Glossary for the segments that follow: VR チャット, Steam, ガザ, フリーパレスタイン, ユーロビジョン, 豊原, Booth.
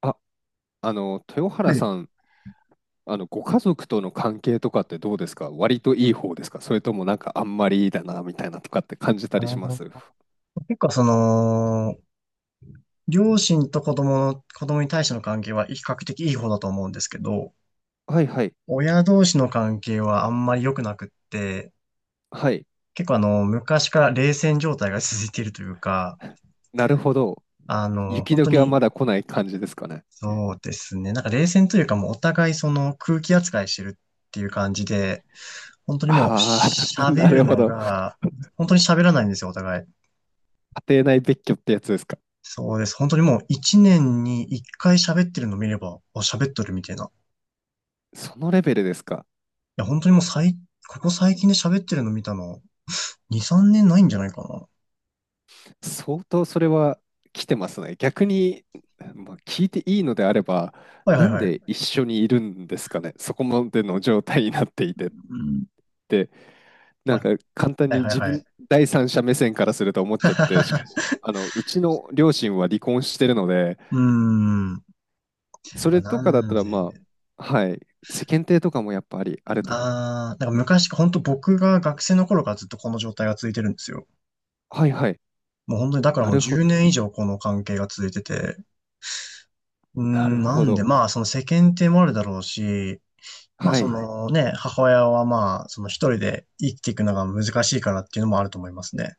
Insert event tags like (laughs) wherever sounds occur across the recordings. あ、豊は原い。さん、ご家族との関係とかってどうですか？割といい方ですか？それともなんかあんまりいいだな、みたいなとかって感じたありしの、ます結構両親と子供に対しての関係は比較的いい方だと思うんですけど、はいはい。親同士の関係はあんまり良くなくって、はい。結構昔から冷戦状態が続いているというか、なるほど。雪本解当けはまに、だ来ない感じですかね？そうですね、なんか冷戦というかもうお互いその空気扱いしてるっていう感じで、本当にもうああ、(laughs) 喋なるるほのど。が、本当に喋らないんですよ、お互い。家庭内別居ってやつですか？そうです。本当にもう一年に一回喋ってるの見れば、あ、喋っとるみたいな。そのレベルですか？や、本当にもうここ最近で喋ってるの見たの、2、3年ないんじゃないかな。相当それは来てますね。逆に、まあ、聞いていいのであれば、はいはないんはい。で一緒にいるんですかね？そこまでの状態になっていてっうん。て。なんまか簡単はいにはい自は分、い。第三者目線からすると思っちゃって、しかも、(laughs) うちの両親は離婚してるので、うーん。そまあ、れとなかだったんら、まで、あ、はい、世間体とかもやっぱり、あれとか、なんか昔、本当僕が学生の頃からずっとこの状態が続いてるんですよ。はいはい、もう本当にだからなもうるほど、10年以上この関係が続いてて、うーなるん、なほんで、ど、まあその世間体もあるだろうし、まあはそはい、い。のね、母親はまあその一人で生きていくのが難しいからっていうのもあると思いますね。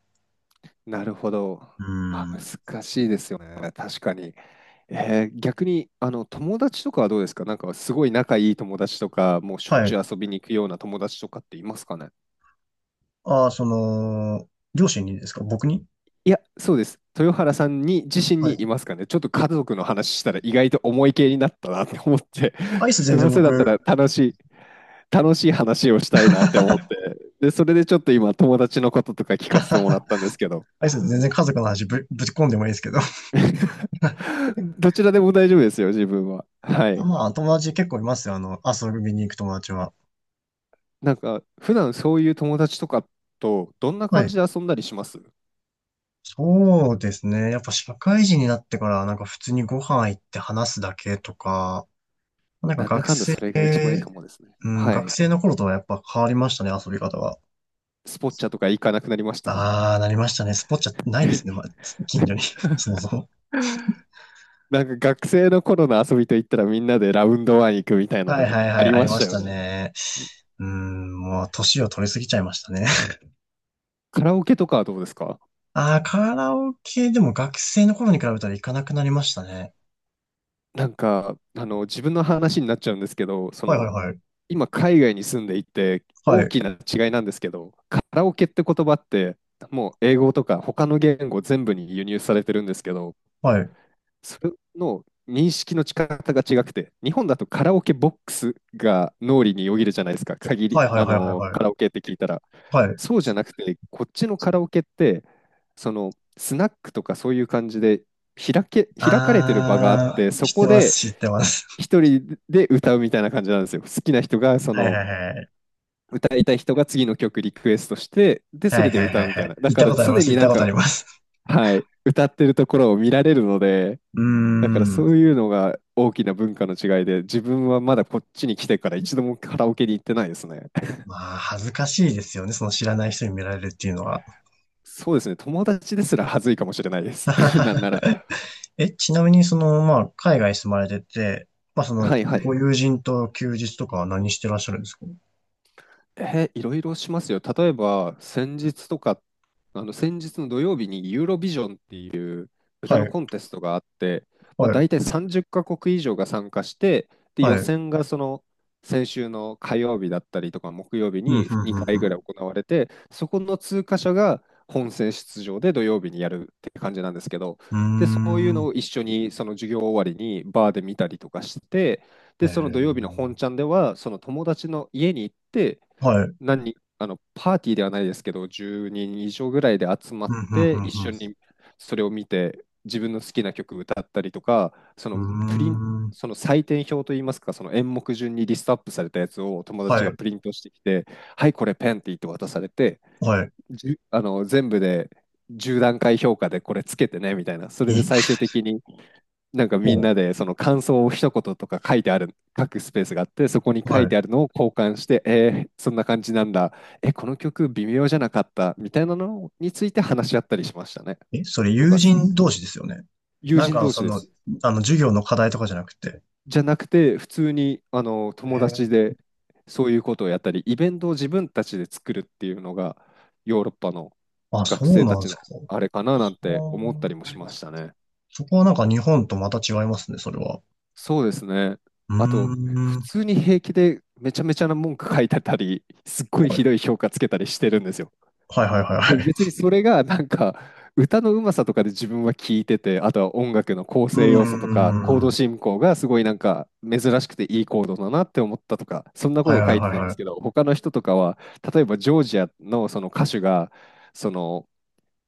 なるほど。うまーあ、ん。難しいですよね、確かに。逆に、友達とかはどうですか？なんか、すごい仲いい友達とか、もうしょっはちゅい。う遊びに行くような友達とかっていますかね？ああ、その、両親にですか？僕に？いや、そうです。豊原さんに自身はにいい。ますかね？ちょっと家族の話したら意外と重い系になったなって思って、アイ (laughs) ス全ど然うせだった僕、ら楽しい話をしたいなって思っ (laughs) て、で、それでちょっと今友達のこととか聞かせてもらったんですけど、アイス全然家族の話ぶち込んでもいいですけど。(laughs) どちらでも大丈夫ですよ、自分は。はあい。まあ、友達結構いますよ。あの、遊びに行く友達は。なんか、普段そういう友達とかとどんなは感じい。で遊んだりしますそうですね。やっぱ社会人になってから、なんか普通にご飯行って話すだけとか、なんかなんだかんだそれが一番いいかもですね。うん、は学い。生の頃とはやっぱ変わりましたね、遊び方が。スポッチャとか行かなくなりました。ああ、なりましたね。スポッチャないですね、(laughs) まあ、近所に。(laughs) そもそも。なんか学生の頃の遊びといったらみんなでラウンドワン行くみたいなはいのはいはあい、りありましまたしよたね。ね。うーん、もう年を取りすぎちゃいましたね。(laughs) カラオケとかはどうですか？ああ、カラオケでも学生の頃に比べたら行かなくなりましたね。なんか、自分の話になっちゃうんですけど、はいはいはい。今海外に住んでいては大い。きな違いなんですけど、カラオケって言葉ってもう英語とか他の言語全部に輸入されてるんですけど、はい。それの認識の仕方が違くて、日本だとカラオケボックスが脳裏によぎるじゃないですか、はいはいあはいはいのはい。カラオケって聞いたら。はい。そうじゃなくて、こっちのカラオケって、そのスナックとかそういう感じで開かれてる場があっあて、あ、そ知ってこまです、知ってます。一人で歌うみたいな感じなんですよ。好きな人がそ (laughs) はいのはいはい。歌いたい人が次の曲リクエストして、で、そはいれではい歌はういみはたいな。い。行だっかたらことありま常す、行にっなたんことあか、ります。はい、歌ってるところを見られるので、うーだからそん。ういうのが大きな文化の違いで、自分はまだこっちに来てから一度もカラオケに行ってないですね。(laughs) まあ、恥ずかしいですよね、その知らない人に見られるっていうのは。そうですね、友達ですら恥ずいかもしれないです。(laughs) なんなら。(laughs) え、ちなみに、まあ、海外に住まれてて、まあ、ははいいはい。ご友人と休日とかは何してらっしゃるんですか？いろいろしますよ。例えば、先日とか、あの先日の土曜日にユーロビジョンっていう歌はのい、コンテストがあって、まあ、はい、大体30カ国以上が参加して、で予はい。選がその先週の火曜日だったりとか木曜日うん、うにん、2回ぐらいう行われて、そこの通過者が本戦出場で土曜日にやるって感じなんですけど、ん、うで、そういうん。うのーん。を一緒にその授業終わりにバーで見たりとかして、えで、その土曜日の本ー、ちゃんでは、その友達の家に行って、はい。うん、何人、パーティーではないですけど、1 2人以上ぐらいで集まうっん、うて、一ん、緒にそれを見て、自分の好きな曲歌ったりとか、そうのプリン、ん。うーん。その採点表といいますか、その演目順にリストアップされたやつを友達はがい、プリントしてきて、はい、これペンって言って渡されて、はい。じゅあの、全部で10段階評価でこれつけてね、みたいな。それでえ、最終的になんかみんもなでその感想を一言とか書いてある、書くスペースがあって、そこにう、書はいい。てあるのを交換して、えーそんな感じなんだ、え、この曲微妙じゃなかったみたいなのについて話し合ったりしましたね。え、それと友か、人同士ですよね。友なん人か、同士です。授業の課題とかじゃなくて。じゃなくて、普通にあのえ友ー、達でそういうことをやったり、イベントを自分たちで作るっていうのが、ヨーロッパのあ、そ学う生たなんでちすのか？あれかななんあて思ったーりもあしましたね。そこはなんか日本とまた違いますね、それは。そうですね。うーあと、ん。普は通に平気でめちゃめちゃな文句書いてたり、すっごいひどい。い評価つけたりしてるんですよ。はいはいはいで、はい。別にそれがなんか、歌のうまさとかで自分は聞いてて、あとは音楽の構成う要素とーか、コーん。ドは進行がすごいなんか珍しくていいコードだなって思ったとか、そんないこはといをは書いていたんではい。すけど、他の人とかは、例えばジョージアのその歌手が、その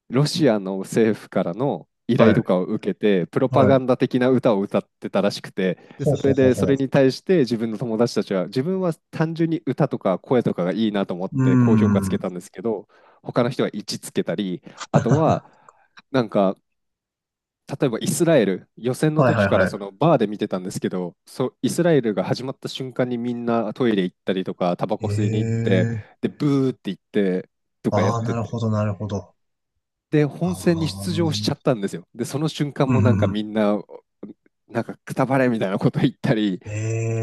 ロシアの政府からの依は頼い。とかを受けて、プロはパガい。ンダ的な歌を歌ってたらしくて、で、ほうそほれうほうで、そほう。れに対して自分の友達たちは、自分は単純に歌とか声とかがいいなと思っうーて高評価つけん。たんですけど、他の人は1つけたり、あとは、なんか、例えばイスラエル、予選のはいは時いからそはのバーで見てたんですけど、そうイスラエルが始まった瞬間にみんなトイレ行ったりとか、タバい。コ吸いに行っえて、えで、ブーって言ってとかやあっあ、なてるて、ほどなるほど。で、あ本戦に出場しちゃっあ。たんですよ。で、その瞬間うもんなんかうんうみんな、なんかくたばれみたいなこと言ったりん。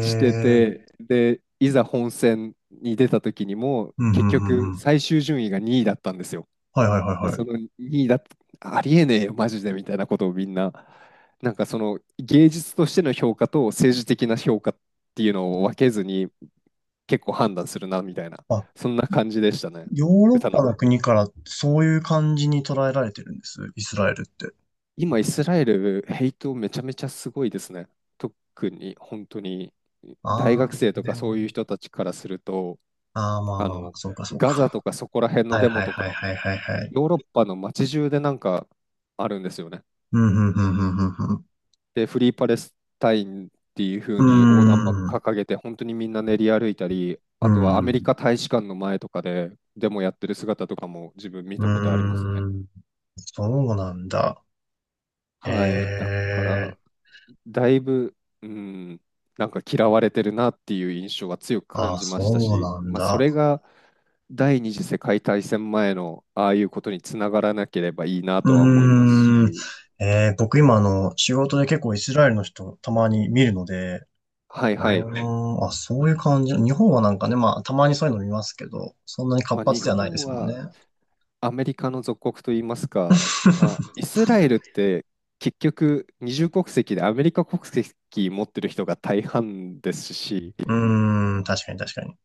してえて、で、いざ本戦に出た時にも、うんうん結うん局うん。最終順位が2位だったんですよ。はいはいはいで、はい。その2位だ、ありえねえよ、マジでみたいなことをみんな、なんかその芸術としての評価と政治的な評価っていうのを分けずに結構判断するなみたいな、あ、そんな感じでしたね、ヨーロッ歌パのの国からそういう感じに捉えられてるんです。イスラエルって。今、イスラエル、ヘイトめちゃめちゃすごいですね。特に、本当に、大あ学生とかそあ。ういう人たちからすると、ああ、まああまあまあ、の、そうかそうか。ガザとかそこら辺のはいデモはいとはいか、はいもはいはうい。ヨーロッパの街中でなんかあるんですよね。うん、うん、うん、で、フリーパレスタインっていうう風に横断幕ん、掲げて、本当にみんな練り歩いたり、うあとはアん、うメリん、カ大使館の前とかでデモやってる姿とかも自分見うたことありますん、ね。うん。そうなんだ。はい。だえかえ、ら、だいぶ、うん、なんか嫌われてるなっていう印象は強く感あ、じまそしたうし、なんまあ、そだ。れが第二次世界大戦前のああいうことにつながらなければいいなとは思いますうーん、し、え僕今仕事で結構イスラエルの人たまに見るので、はいうははい。ーい、ん、あ、そういう感じ。日本はなんかね、まあ、たまにそういうの見ますけど、そんなにま活あ、日発ではないで本すもんね。はアメリカの属国といいますか、まあ、イ (laughs) スラエルって結局二重国籍でアメリカ国籍持ってる人が大半ですし、うーん、確かに確かに。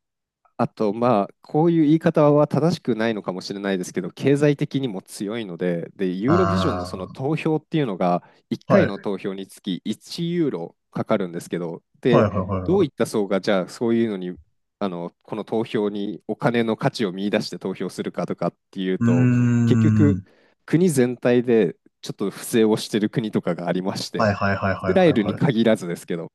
あと、まあ、こういう言い方は正しくないのかもしれないですけど、経済的にも強いので、で、ユーロビジョンのそのあ投票っていうのが、1あ、回はい、の投票につき1ユーロかかるんですけど、はい、で、はい、はい、どうはいっい。た層が、じゃあ、そういうのに、この投票にお金の価値を見出して投票するかとかっていううと、ー結ん。局、国全体でちょっと不正をしてる国とかがありましはて、いはいはいイはスいラはエルいにはい。限らずですけど、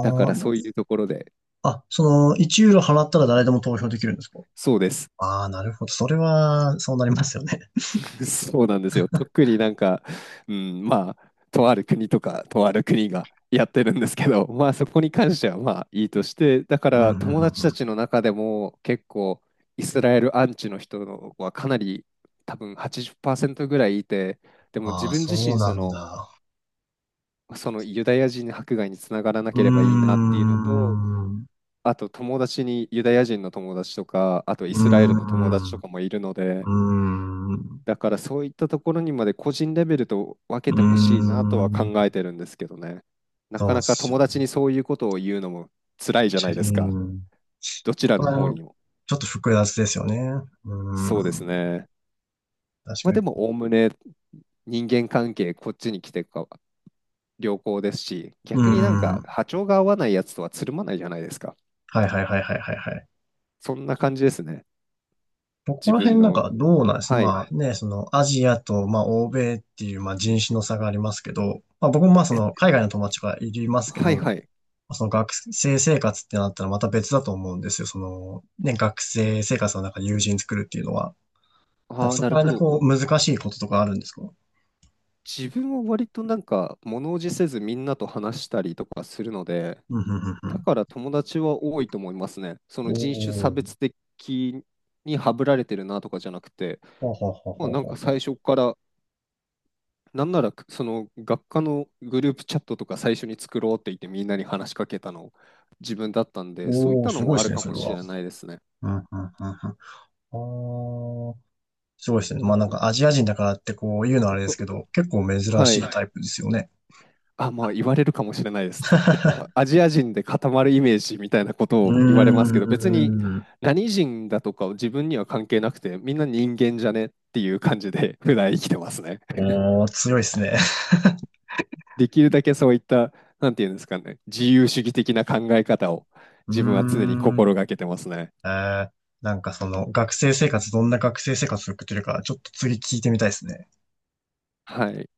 だからそあういうところで、あ、その、1ユーロ払ったら誰でも投票できるんですか？そうです。ああー、なるほど。それは、そうなりますよね。(laughs) そうなんですよ。特になんか、うん、まあ、とある国とか、とある国がやってるんですけど、まあそこに関してはまあいいとして、だかうん、うらん、う友ん。達うたんちの中でも結構イスラエルアンチの人のはかなり多分80%ぐらいいて、でも自ああ、分自そう身なんだ。そのユダヤ人迫害につながらなうーければいいなっていうのと、ん、うあと友達にユダヤ人の友達とか、あとイースラエルの友達ん、とうかもいるのーで、ん、だからそういったところにまで個人レベルと分うけーてほしいなとは考ん。えてるんですけどね。なそかうっなかすよ友達ね。にそういうことを言うのも辛いじゃチなェいでうすか。ん。こどちらこのら方辺にも。ちょっと複雑ですよね。うーそん、うですね。確まあかでもに。おおむね人間関係こっちに来てか良好ですし、うー逆になんかん。波長が合わないやつとはつるまないじゃないですか。はいはいはいはいはいはい。そんな感じですね。そこ自ら分辺なんかの。どうなんですはい。まあね、そのアジアとまあ欧米っていうまあ人種の差がありますけど、まあ僕もまあその海外の友達がいりますけはいど、はい。その学生生活ってなったらまた別だと思うんですよ。そのね、学生生活の中で友人作るっていうのは。なんあかあ、そなこるらほ辺のど。こう難しいこととかあるんですか？自分は割となんか物おじせずみんなと話したりとかするので、うん、うん、うん、うだん。から友達は多いと思いますね。その人種差おー。別的にハブられてるなとかじゃなくて、ははははまあ、なんかはは。最初からなんならその学科のグループチャットとか最初に作ろうって言ってみんなに話しかけたの自分だったんで、そういっおー、たのすごいもであするね、かそもれしは。れないですね。うん、うん、うん、うん。あーすごいですね。なまんあなんか、かアジア人だからってこう言うのはあれですけど、結構珍はしいはいい。タイプですよね。あ、まあ言われるかもしれないです。なんが、かア (laughs) ジア人で固まるイメージみたいなことうを言われますけど、別にん。うーん。何人だとか自分には関係なくて、みんな人間じゃねっていう感じで (laughs) 普段生きてますね。おー、強いですね。できるだけそういった、なんていうんですかね、自由主義的な考え方をうー自分は常にん。心がけてますね。えー、なんかその学生生活、どんな学生生活を送ってるか、ちょっと次聞いてみたいですね。はい。